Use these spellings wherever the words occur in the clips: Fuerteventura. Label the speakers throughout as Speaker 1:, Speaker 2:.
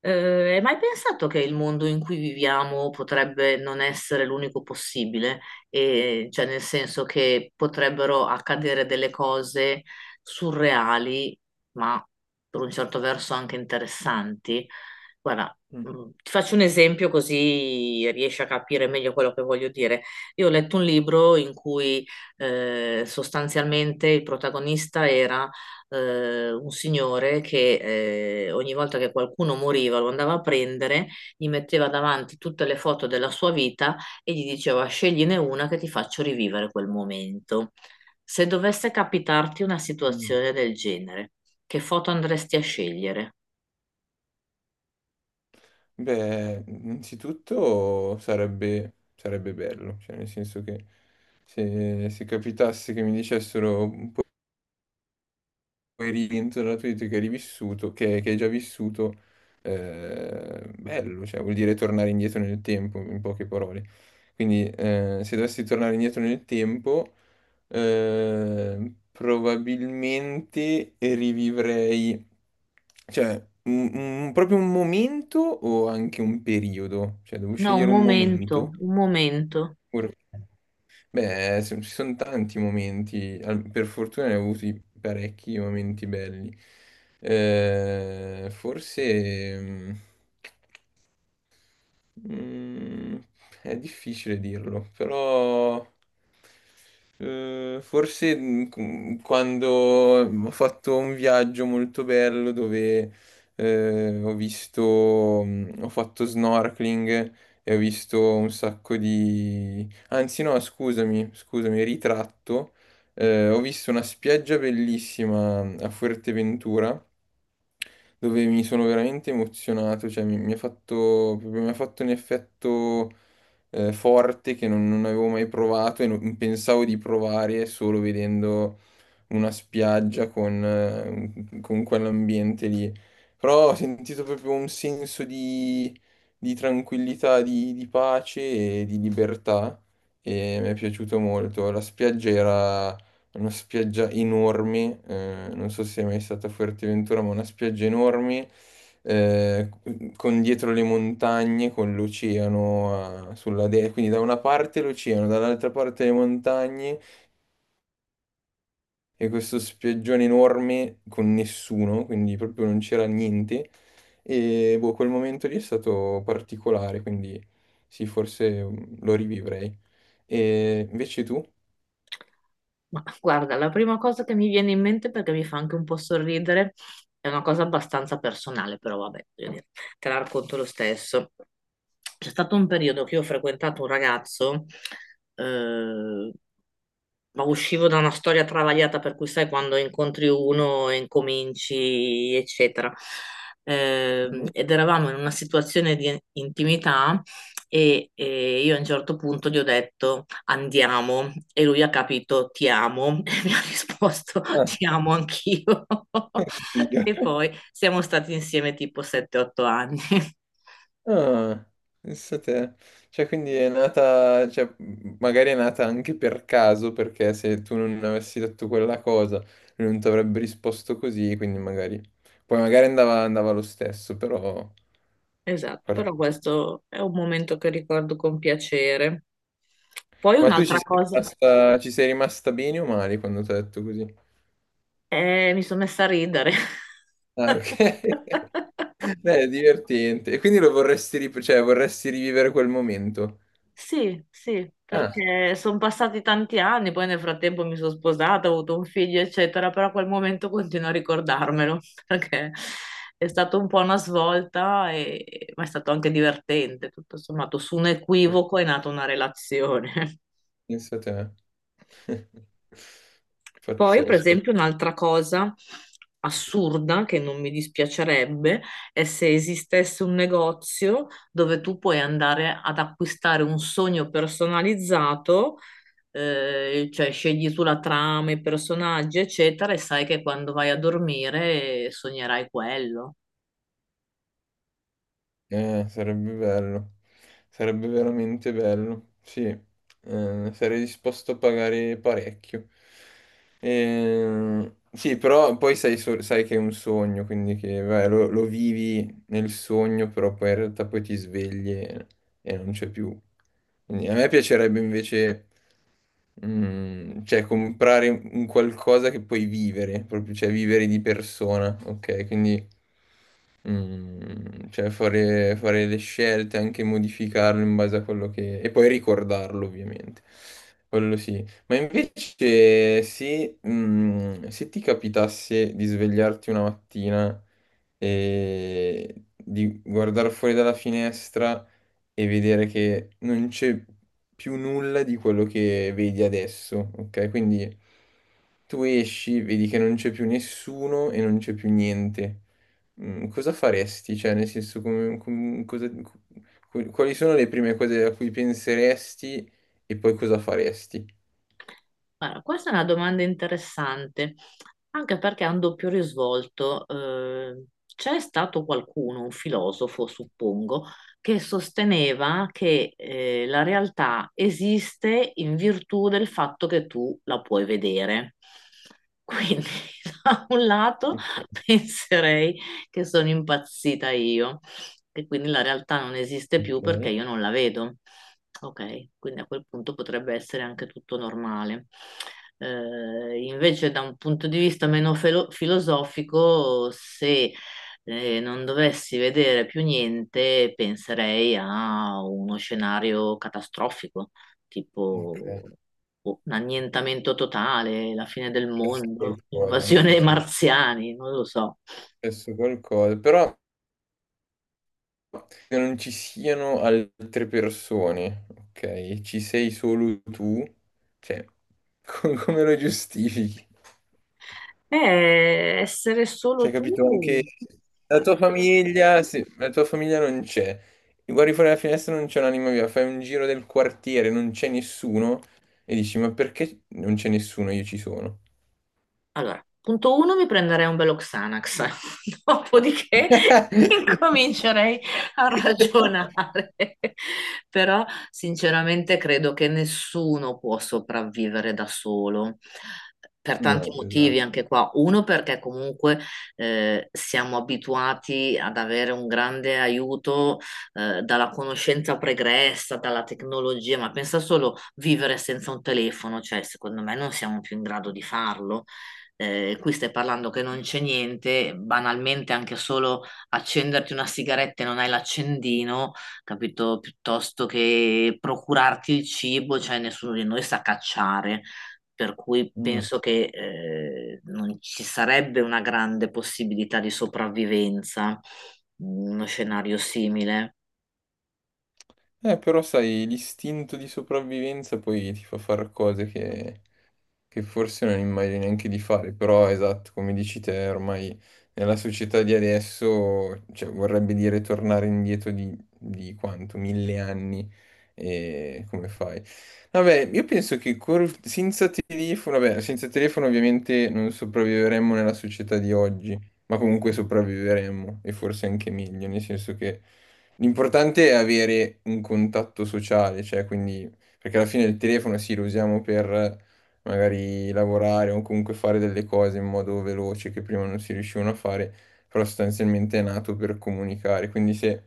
Speaker 1: Hai mai pensato che il mondo in cui viviamo potrebbe non essere l'unico possibile? E, cioè, nel senso che potrebbero accadere delle cose surreali, ma per un certo verso anche interessanti. Guarda,
Speaker 2: Mm,
Speaker 1: ti faccio un esempio così riesci a capire meglio quello che voglio dire. Io ho letto un libro in cui sostanzialmente il protagonista era un signore che, ogni volta che qualcuno moriva, lo andava a prendere, gli metteva davanti tutte le foto della sua vita e gli diceva: scegliene una che ti faccio rivivere quel momento. Se dovesse capitarti una
Speaker 2: mm.
Speaker 1: situazione del genere, che foto andresti a scegliere?
Speaker 2: Beh, innanzitutto sarebbe bello, cioè nel senso che se capitasse che mi dicessero un po' puoi rientrare nella tua vita che hai rivissuto, che hai già vissuto, bello, cioè vuol dire tornare indietro nel tempo, in poche parole. Quindi se dovessi tornare indietro nel tempo. Probabilmente rivivrei, cioè, proprio un momento o anche un periodo? Cioè, devo
Speaker 1: No, un
Speaker 2: scegliere un
Speaker 1: momento,
Speaker 2: momento?
Speaker 1: un momento.
Speaker 2: Oppure- Beh, ci sono tanti momenti, per fortuna ne ho avuti parecchi momenti belli. Forse... Mm, è difficile dirlo, però forse quando ho fatto un viaggio molto bello dove ho fatto snorkeling e ho visto un sacco di— Anzi no, scusami, scusami, ritratto. Ho visto una spiaggia bellissima a Fuerteventura dove mi sono veramente emozionato, cioè mi ha fatto, proprio mi ha fatto un effetto forte che non avevo mai provato e non pensavo di provare solo vedendo una spiaggia con quell'ambiente lì. Però ho sentito proprio un senso di tranquillità, di pace e di libertà e mi è piaciuto molto. La spiaggia era una spiaggia enorme, non so se è mai stata a Fuerteventura, ma una spiaggia enorme eh, con dietro le montagne, con l'oceano sulla destra, quindi da una parte l'oceano, dall'altra parte le montagne e questo spiaggione enorme con nessuno, quindi proprio non c'era niente. E boh, quel momento lì è stato particolare, quindi sì, forse lo rivivrei. E invece tu?
Speaker 1: Ma guarda, la prima cosa che mi viene in mente, perché mi fa anche un po' sorridere, è una cosa abbastanza personale, però vabbè, voglio dire, te la racconto lo stesso. C'è stato un periodo che io ho frequentato un ragazzo, eh, ma uscivo da una storia travagliata, per cui sai, quando incontri uno e incominci, eccetera.
Speaker 2: Mhm.
Speaker 1: Ed eravamo in una situazione di intimità e io a un certo punto gli ho detto andiamo e lui ha capito ti amo e mi ha risposto
Speaker 2: Ah,
Speaker 1: ti amo anch'io
Speaker 2: Dio.
Speaker 1: e poi siamo stati insieme tipo 7-8 anni.
Speaker 2: Ah, pensa te. Cioè, quindi è nata, cioè, magari è nata anche per caso, perché se tu non avessi detto quella cosa, lui non ti avrebbe risposto così, quindi magari. Poi magari andava, andava lo stesso, però.
Speaker 1: Esatto, però questo è un momento che ricordo con piacere. Poi
Speaker 2: Ma tu
Speaker 1: un'altra cosa,
Speaker 2: ci sei rimasta bene o male quando ti ho detto così?
Speaker 1: mi sono messa a ridere.
Speaker 2: Ah, ok. Beh, è divertente. E quindi lo vorresti, cioè, vorresti rivivere quel momento?
Speaker 1: Sì, sì,
Speaker 2: Ah,
Speaker 1: perché sono passati tanti anni, poi nel frattempo mi sono sposata, ho avuto un figlio, eccetera, però quel momento continuo a ricordarmelo, perché è stata un po' una svolta, ma è stato anche divertente, tutto sommato: su un equivoco è nata una relazione.
Speaker 2: pensa te.
Speaker 1: Poi, per
Speaker 2: Pazzesco.
Speaker 1: esempio, un'altra cosa assurda che non mi dispiacerebbe è se esistesse un negozio dove tu puoi andare ad acquistare un sogno personalizzato, cioè scegli tu la trama, i personaggi, eccetera, e sai che quando vai a dormire sognerai quello.
Speaker 2: Sarebbe bello, sarebbe veramente bello, sì. Sarei disposto a pagare parecchio. Sì, però poi sai, sai che è un sogno, quindi che vai, lo vivi nel sogno, però poi in realtà poi ti svegli e non c'è più. Quindi a me piacerebbe invece, cioè, comprare un qualcosa che puoi vivere, proprio, cioè vivere di persona, ok? Quindi cioè fare le scelte, anche modificarlo in base a quello che— e poi ricordarlo ovviamente, quello sì. Ma invece se ti capitasse di svegliarti una mattina e di guardare fuori dalla finestra e vedere che non c'è più nulla di quello che vedi adesso, ok? Quindi tu esci, vedi che non c'è più nessuno e non c'è più niente. Cosa faresti? Cioè, nel senso, quali sono le prime cose a cui penseresti e poi cosa faresti?
Speaker 1: Allora, questa è una domanda interessante, anche perché ha un doppio risvolto. C'è stato qualcuno, un filosofo, suppongo, che sosteneva che, la realtà esiste in virtù del fatto che tu la puoi vedere. Quindi, da un lato,
Speaker 2: Ok,
Speaker 1: penserei che sono impazzita io, che quindi la realtà non esiste più perché
Speaker 2: ok,
Speaker 1: io non la vedo. Ok, quindi a quel punto potrebbe essere anche tutto normale. Invece, da un punto di vista meno filosofico, se non dovessi vedere più niente, penserei a uno scenario catastrofico,
Speaker 2: ok.
Speaker 1: tipo boh, un annientamento totale, la fine del
Speaker 2: Successo
Speaker 1: mondo,
Speaker 2: è
Speaker 1: invasione dei
Speaker 2: successo
Speaker 1: marziani, non lo so.
Speaker 2: qualcosa, però che non ci siano altre persone, ok? Ci sei solo tu, cioè, come lo giustifichi?
Speaker 1: Essere
Speaker 2: Cioè,
Speaker 1: solo
Speaker 2: capito? Anche
Speaker 1: tu.
Speaker 2: la tua famiglia, sì, la tua famiglia non c'è. Guardi fuori dalla finestra, non c'è un'anima viva. Fai un giro del quartiere, non c'è nessuno. E dici, ma perché non c'è nessuno? Io ci sono.
Speaker 1: Allora, punto uno, mi prenderei un bello Xanax, dopodiché incomincerei a ragionare. Però, sinceramente, credo che nessuno può sopravvivere da solo. Per tanti
Speaker 2: No, esatto.
Speaker 1: motivi anche qua. Uno, perché comunque siamo abituati ad avere un grande aiuto dalla conoscenza pregressa, dalla tecnologia, ma pensa solo vivere senza un telefono, cioè secondo me non siamo più in grado di farlo. Qui stai parlando che non c'è niente, banalmente anche solo accenderti una sigaretta e non hai l'accendino, capito? Piuttosto che procurarti il cibo, cioè nessuno di noi sa cacciare, per cui
Speaker 2: Mm.
Speaker 1: penso che, non ci sarebbe una grande possibilità di sopravvivenza in uno scenario simile.
Speaker 2: Però sai, l'istinto di sopravvivenza poi ti fa fare cose che forse non immagini neanche di fare, però esatto, come dici te, ormai nella società di adesso, cioè, vorrebbe dire tornare indietro di quanto? 1000 anni e come fai? Vabbè, io penso che senza telefono, vabbè, senza telefono ovviamente non sopravviveremmo nella società di oggi, ma comunque sopravviveremmo e forse anche meglio, nel senso che l'importante è avere un contatto sociale, cioè quindi, perché alla fine il telefono sì lo usiamo per magari lavorare o comunque fare delle cose in modo veloce che prima non si riuscivano a fare, però sostanzialmente è nato per comunicare. Quindi se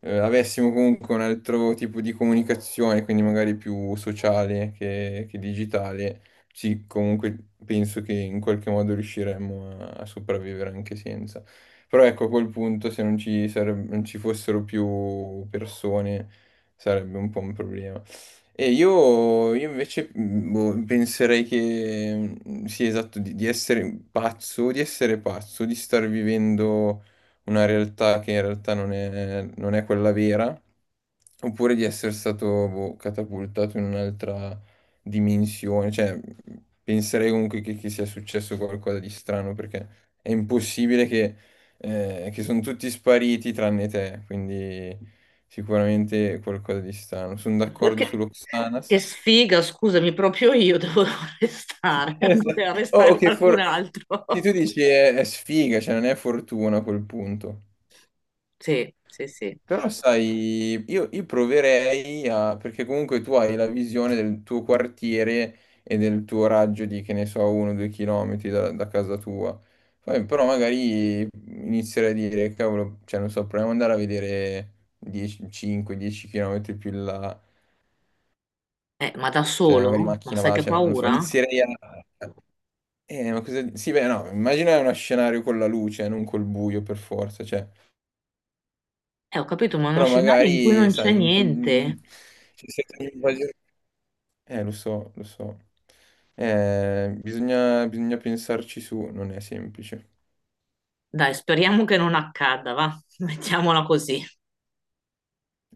Speaker 2: avessimo comunque un altro tipo di comunicazione, quindi magari più sociale che digitale, sì, comunque penso che in qualche modo riusciremmo a sopravvivere anche senza. Però ecco, a quel punto se non ci fossero più persone sarebbe un po' un problema. E io invece boh, penserei che sì, esatto, di essere pazzo, di essere pazzo, di star vivendo una realtà che in realtà non è quella vera. Oppure di essere stato boh, catapultato in un'altra dimensione. Cioè, penserei comunque che sia successo qualcosa di strano perché è impossibile che sono tutti spariti tranne te. Quindi sicuramente qualcosa di strano. Sono
Speaker 1: E poi
Speaker 2: d'accordo
Speaker 1: che
Speaker 2: sull'Oxanas.
Speaker 1: sfiga, scusami, proprio io devo restare,
Speaker 2: Esatto.
Speaker 1: poteva
Speaker 2: Oh,
Speaker 1: restare
Speaker 2: ok,
Speaker 1: qualcun
Speaker 2: for—
Speaker 1: altro.
Speaker 2: sì, tu dici è, sfiga, cioè non è fortuna a quel punto.
Speaker 1: Sì, sì, sì.
Speaker 2: Però sai, io proverei a, perché comunque tu hai la visione del tuo quartiere e del tuo raggio di, che ne so, 1 o 2 chilometri da casa tua. Poi, però magari inizierei a dire, cavolo, cioè non so, proviamo ad andare a vedere 10, 5-10 chilometri più in là,
Speaker 1: Ma da
Speaker 2: cioè magari
Speaker 1: solo? Ma
Speaker 2: macchina
Speaker 1: sai
Speaker 2: va,
Speaker 1: che
Speaker 2: cioè non so,
Speaker 1: paura?
Speaker 2: inizierei a— ma cosa— Sì, beh, no, immagina uno scenario con la luce, non col buio per forza, cioè,
Speaker 1: Ho capito, ma è uno
Speaker 2: però
Speaker 1: scenario in cui
Speaker 2: magari,
Speaker 1: non c'è
Speaker 2: sai, in—
Speaker 1: niente.
Speaker 2: cioè, senza. Lo so, lo so. Bisogna pensarci su, non è semplice.
Speaker 1: Dai, speriamo che non accada, va? Mettiamola così.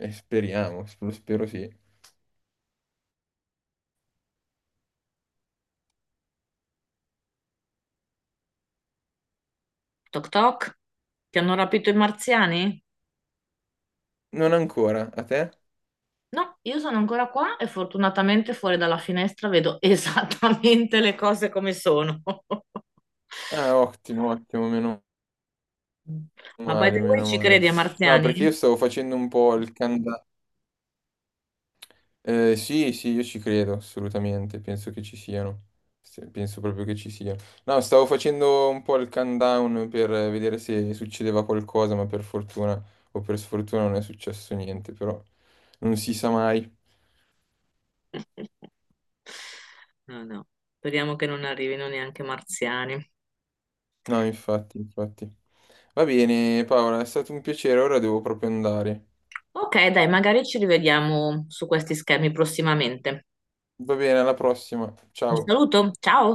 Speaker 2: Speriamo, lo spero sì.
Speaker 1: Toc toc. Ti hanno rapito i marziani?
Speaker 2: Non ancora, a te?
Speaker 1: No, io sono ancora qua e fortunatamente fuori dalla finestra vedo esattamente le cose come sono.
Speaker 2: Ah, ottimo, ottimo, meno
Speaker 1: Ma by
Speaker 2: male,
Speaker 1: the way,
Speaker 2: meno
Speaker 1: ci
Speaker 2: male.
Speaker 1: credi ai
Speaker 2: No, perché
Speaker 1: marziani?
Speaker 2: io stavo facendo un po' il canda- Sì, sì, io ci credo, assolutamente, penso che ci siano. Penso proprio che ci siano. No, stavo facendo un po' il countdown per vedere se succedeva qualcosa, ma per fortuna o per sfortuna non è successo niente, però non si sa mai.
Speaker 1: No, no, speriamo che non arrivino neanche marziani.
Speaker 2: No, infatti, infatti. Va bene, Paola, è stato un piacere, ora devo proprio andare.
Speaker 1: Ok, dai, magari ci rivediamo su questi schemi prossimamente.
Speaker 2: Va bene, alla prossima,
Speaker 1: Un
Speaker 2: ciao.
Speaker 1: saluto, ciao!